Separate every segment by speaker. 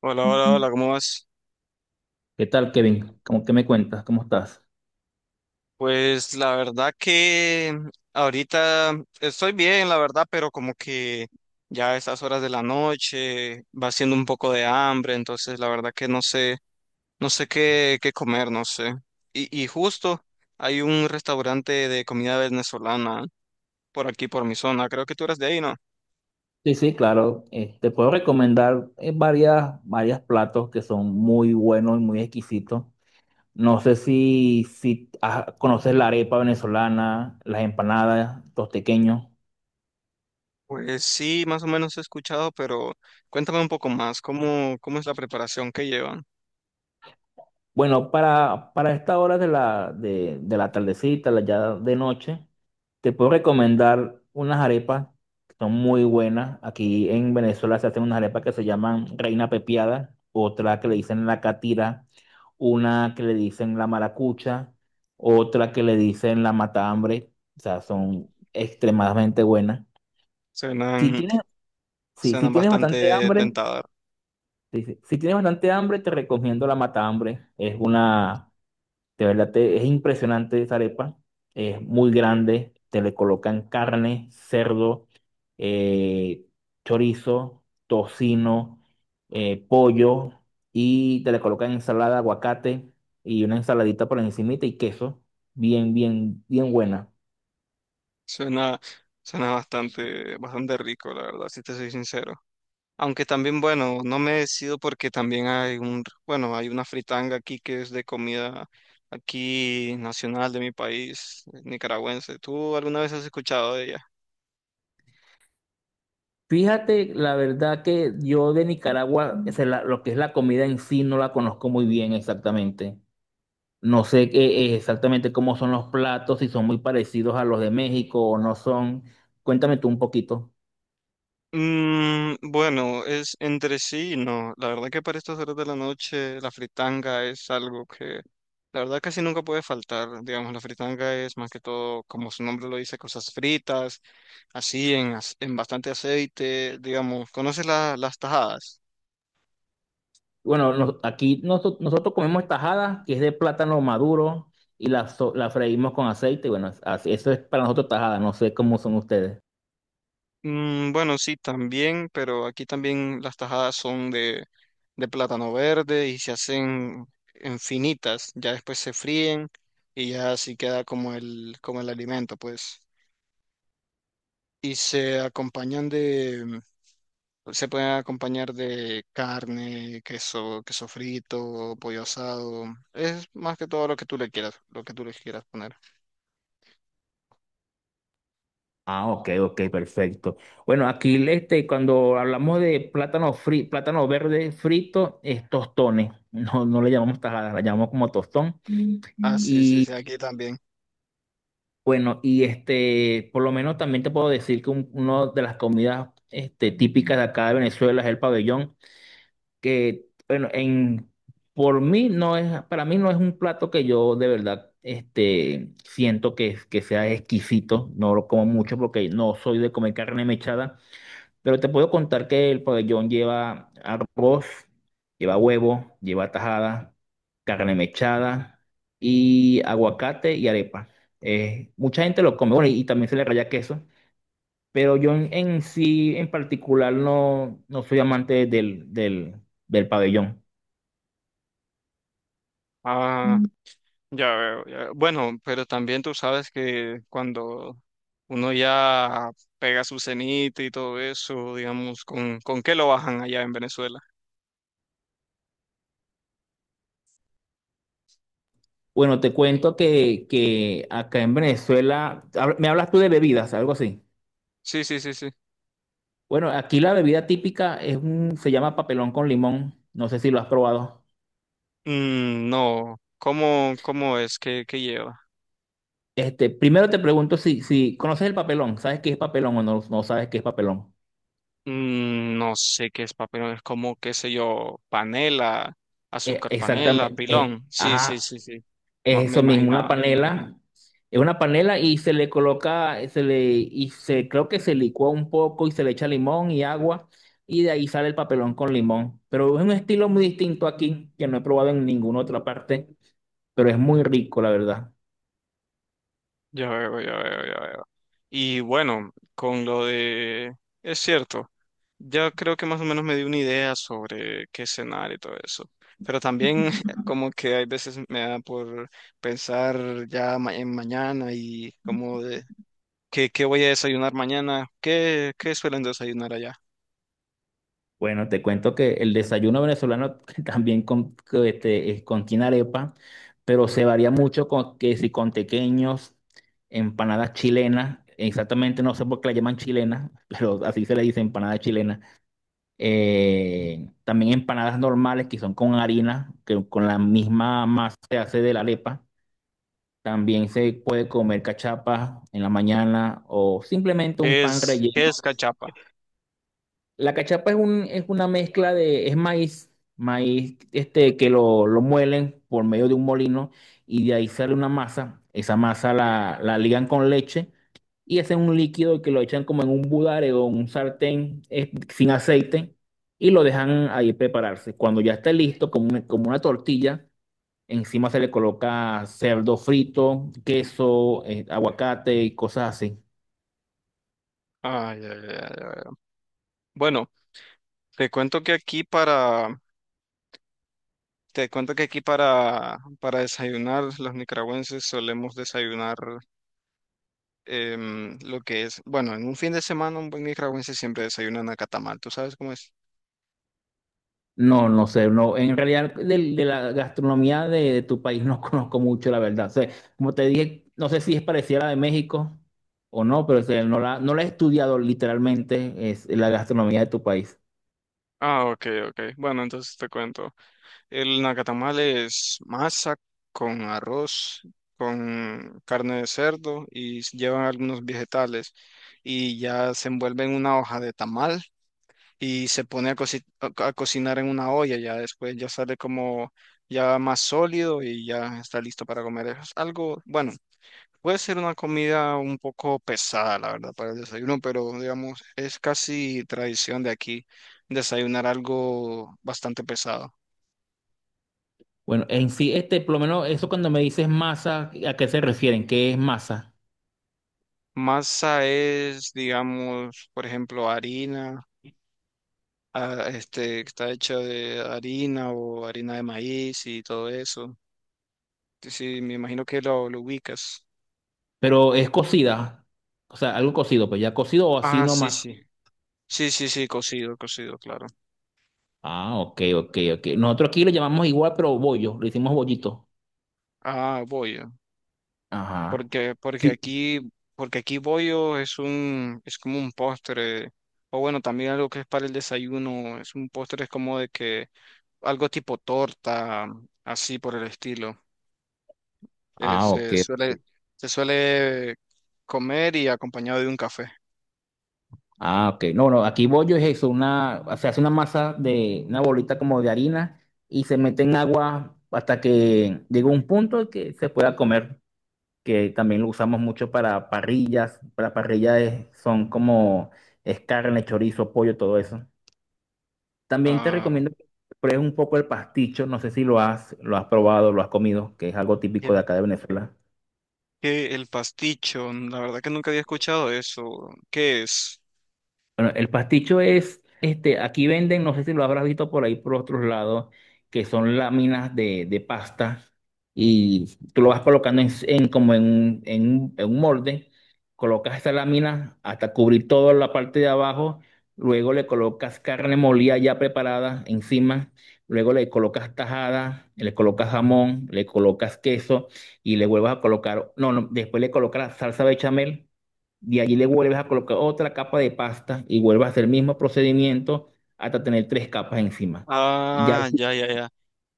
Speaker 1: Hola, hola, hola, ¿cómo vas?
Speaker 2: ¿Qué tal, Kevin? ¿Cómo que me cuentas? ¿Cómo estás?
Speaker 1: Pues la verdad que ahorita estoy bien, la verdad, pero como que ya a estas horas de la noche va siendo un poco de hambre, entonces la verdad que no sé, no sé qué, qué comer, no sé. Y justo hay un restaurante de comida venezolana por aquí, por mi zona, creo que tú eres de ahí, ¿no?
Speaker 2: Sí, sí, claro. Te puedo recomendar varias platos que son muy buenos y muy exquisitos. No sé si conoces la arepa venezolana, las empanadas, los tequeños.
Speaker 1: Pues sí, más o menos he escuchado, pero cuéntame un poco más, ¿cómo, cómo es la preparación que llevan?
Speaker 2: Bueno, para esta hora de la tardecita, la ya de noche, te puedo recomendar unas arepas que son muy buenas. Aquí en Venezuela se hacen unas arepas que se llaman Reina Pepiada, otra que le dicen la catira, una que le dicen la maracucha, otra que le dicen la matahambre. O sea, son extremadamente buenas. Si
Speaker 1: Suenan,
Speaker 2: tienes, si
Speaker 1: suenan
Speaker 2: tienes bastante
Speaker 1: bastante
Speaker 2: hambre,
Speaker 1: tentadoras.
Speaker 2: si tienes bastante hambre, te recomiendo la matahambre. Es una de verdad, es impresionante esa arepa. Es muy grande. Te le colocan carne, cerdo, eh, chorizo, tocino, pollo y te le colocan ensalada, aguacate y una ensaladita por encimita y queso. Bien, bien, bien buena.
Speaker 1: Suena, suena bastante, bastante rico, la verdad, si te soy sincero. Aunque también, bueno, no me decido porque también hay un, bueno, hay una fritanga aquí que es de comida aquí nacional de mi país, nicaragüense. ¿Tú alguna vez has escuchado de ella?
Speaker 2: Fíjate, la verdad que yo de Nicaragua, o sea, lo que es la comida en sí, no la conozco muy bien exactamente. No sé exactamente cómo son los platos, si son muy parecidos a los de México o no son. Cuéntame tú un poquito.
Speaker 1: Mm, bueno, es entre sí y no. La verdad que para estas horas de la noche la fritanga es algo que la verdad casi nunca puede faltar. Digamos, la fritanga es más que todo, como su nombre lo dice, cosas fritas así en, en bastante aceite, digamos. ¿Conoces las tajadas?
Speaker 2: Bueno, aquí nosotros comemos tajada que es de plátano maduro, y la freímos con aceite. Bueno, eso es para nosotros tajada, no sé cómo son ustedes.
Speaker 1: Mm, bueno, sí, también, pero aquí también las tajadas son de plátano verde y se hacen en finitas, ya después se fríen y ya así queda como el alimento, pues. Y se acompañan de, mm, se pueden acompañar de carne, queso, queso frito, pollo asado. Es más que todo lo que tú le quieras, lo que tú le quieras poner.
Speaker 2: Ah, ok, ok, perfecto. Bueno, aquí este, cuando hablamos de plátano verde frito, es tostones. No, no le llamamos tajada, la llamamos como tostón.
Speaker 1: Ah, sí, sí, sí, aquí también.
Speaker 2: Bueno, y este, por lo menos también te puedo decir que una de las comidas este, típicas de acá de Venezuela es el pabellón, que, bueno, por mí no es, para mí no es un plato que yo de verdad este, siento que sea exquisito, no lo como mucho porque no soy de comer carne mechada, pero te puedo contar que el pabellón lleva arroz, lleva huevo, lleva tajada, carne mechada y aguacate y arepa. Mucha gente lo come, bueno, y también se le raya queso, pero yo en sí, en particular, no, no soy amante del pabellón.
Speaker 1: Ah,
Speaker 2: Mm.
Speaker 1: ya veo, ya veo. Bueno, pero también tú sabes que cuando uno ya pega su cenita y todo eso, digamos, con qué lo bajan allá en Venezuela?
Speaker 2: Bueno, te cuento que acá en Venezuela, me hablas tú de bebidas, algo así.
Speaker 1: Sí, sí, sí, sí.
Speaker 2: Bueno, aquí la bebida típica es un, se llama papelón con limón, no sé si lo has probado.
Speaker 1: Mm, no, ¿cómo, cómo es? ¿Qué, qué lleva?
Speaker 2: Este, primero te pregunto si conoces el papelón, ¿sabes qué es papelón o no, no sabes qué es papelón?
Speaker 1: Mm, no sé qué es papelón, es como, qué sé yo, panela, azúcar panela,
Speaker 2: Exactamente.
Speaker 1: pilón. Sí, sí,
Speaker 2: Ajá,
Speaker 1: sí, sí. Ma-
Speaker 2: es
Speaker 1: Me
Speaker 2: eso mismo, una
Speaker 1: imaginaba.
Speaker 2: panela. Es una panela y se le coloca, se le, y se, creo que se licúa un poco y se le echa limón y agua y de ahí sale el papelón con limón. Pero es un estilo muy distinto aquí que no he probado en ninguna otra parte, pero es muy rico, la verdad.
Speaker 1: Ya veo, ya veo, ya veo. Y bueno, con lo de... Es cierto. Yo creo que más o menos me di una idea sobre qué cenar y todo eso. Pero también como que hay veces me da por pensar ya en mañana y como de qué, qué voy a desayunar mañana. ¿Qué, qué suelen desayunar allá?
Speaker 2: Bueno, te cuento que el desayuno venezolano también contiene arepa, pero se varía mucho con que si con tequeños, empanadas chilenas, exactamente no sé por qué la llaman chilenas, pero así se le dice empanada chilena. También empanadas normales que son con harina, que con la misma masa se hace de la arepa. También se puede comer cachapas en la mañana o simplemente un pan
Speaker 1: Qué es
Speaker 2: relleno.
Speaker 1: cachapa?
Speaker 2: La cachapa es un, es una mezcla de, es maíz, maíz este, que lo muelen por medio de un molino y de ahí sale una masa. Esa masa la ligan con leche y hacen un líquido que lo echan como en un budare o en un sartén sin aceite y lo dejan ahí prepararse. Cuando ya esté listo, como una tortilla, encima se le coloca cerdo frito, queso, aguacate y cosas así.
Speaker 1: Ay, ay, ay, ay, ay. Bueno, te cuento que aquí para, te cuento que aquí para desayunar, los nicaragüenses solemos desayunar lo que es, bueno, en un fin de semana un buen nicaragüense siempre desayuna nacatamal, ¿tú sabes cómo es?
Speaker 2: No, no sé, no, en realidad de la gastronomía de tu país no conozco mucho, la verdad. O sea, como te dije, no sé si es parecida a la de México o no, pero o sea, no la he estudiado literalmente, es la gastronomía de tu país.
Speaker 1: Ah, ok, ok. Bueno, entonces te cuento. El nacatamal es masa con arroz, con carne de cerdo y llevan algunos vegetales y ya se envuelve en una hoja de tamal y se pone a, a cocinar en una olla. Ya después ya sale como ya más sólido y ya está listo para comer. Es algo, bueno, puede ser una comida un poco pesada, la verdad, para el desayuno, pero digamos, es casi tradición de aquí desayunar algo bastante pesado.
Speaker 2: Bueno, en sí, este, por lo menos eso cuando me dices masa, ¿a qué se refieren? ¿Qué es masa?
Speaker 1: Masa es, digamos, por ejemplo, harina, que está hecha de harina o harina de maíz y todo eso. Sí, sí, me imagino que lo ubicas.
Speaker 2: Pero es cocida, o sea, algo cocido, pues ya cocido o así
Speaker 1: Ah, sí,
Speaker 2: nomás.
Speaker 1: sí. Sí, sí, sí, cocido, cocido, claro.
Speaker 2: Ah, ok, ok, ok. Nosotros aquí le llamamos igual, pero bollo, le hicimos bollito.
Speaker 1: Ah, voy.
Speaker 2: Ajá.
Speaker 1: Porque,
Speaker 2: Sí.
Speaker 1: porque aquí bollo es un, es como un postre, o bueno, también algo que es para el desayuno, es un postre, es como de que algo tipo torta, así por el estilo.
Speaker 2: Ah, ok.
Speaker 1: Se suele,
Speaker 2: Ok.
Speaker 1: se suele comer y acompañado de un café.
Speaker 2: Ah, ok. No, no, aquí bollo es eso, una, se hace una masa de una bolita como de harina y se mete en agua hasta que llega un punto que se pueda comer, que también lo usamos mucho para parrillas. Para parrillas son como es carne, chorizo, pollo, todo eso. También te
Speaker 1: Ah,
Speaker 2: recomiendo que pruebes un poco el pasticho, no sé si lo has probado, lo has comido, que es algo típico de
Speaker 1: el,
Speaker 2: acá de Venezuela.
Speaker 1: que el pasticho, la verdad que nunca había escuchado eso. ¿Qué es?
Speaker 2: Bueno, el pasticho es, este, aquí venden, no sé si lo habrás visto por ahí por otros lados, que son láminas de pasta y tú lo vas colocando en como en, un- en, un en un molde, colocas esa lámina hasta cubrir toda la parte de abajo, luego le colocas carne molida ya preparada encima, luego le colocas tajada, le colocas jamón, le colocas queso y le vuelvas a colocar, no, no, después le colocas salsa bechamel y allí le vuelves a colocar otra capa de pasta y vuelves a hacer el mismo procedimiento hasta tener tres capas encima. Y ya,
Speaker 1: Ah, ya, ya, ya.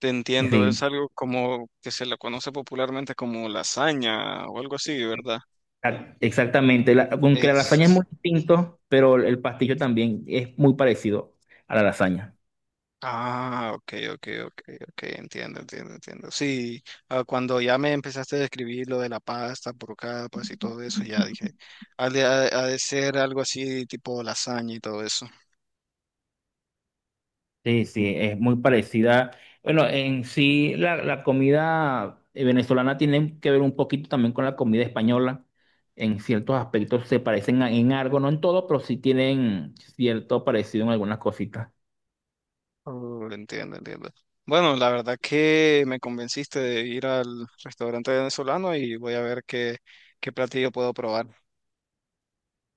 Speaker 1: Te entiendo, es
Speaker 2: sí,
Speaker 1: algo como que se lo conoce popularmente como lasaña o algo así, ¿verdad?
Speaker 2: exactamente. Aunque la lasaña es
Speaker 1: Es...
Speaker 2: muy distinto, pero el pastillo también es muy parecido a la lasaña.
Speaker 1: Ah, ok, ok, ok, ok, entiendo, entiendo, entiendo. Sí, cuando ya me empezaste a describir lo de la pasta por capas y todo eso, ya dije, ha de, ha de ser algo así tipo lasaña y todo eso.
Speaker 2: Sí, sí, es muy parecida. Bueno, en sí la comida venezolana tiene que ver un poquito también con la comida española. En ciertos aspectos se parecen en algo, no en todo, pero sí tienen cierto parecido en algunas cositas.
Speaker 1: Oh, entiendo, entiendo. Bueno, la verdad que me convenciste de ir al restaurante venezolano y voy a ver qué, qué platillo puedo probar.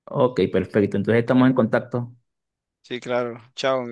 Speaker 2: Ok, perfecto. Entonces estamos en contacto.
Speaker 1: Sí, claro. Chao.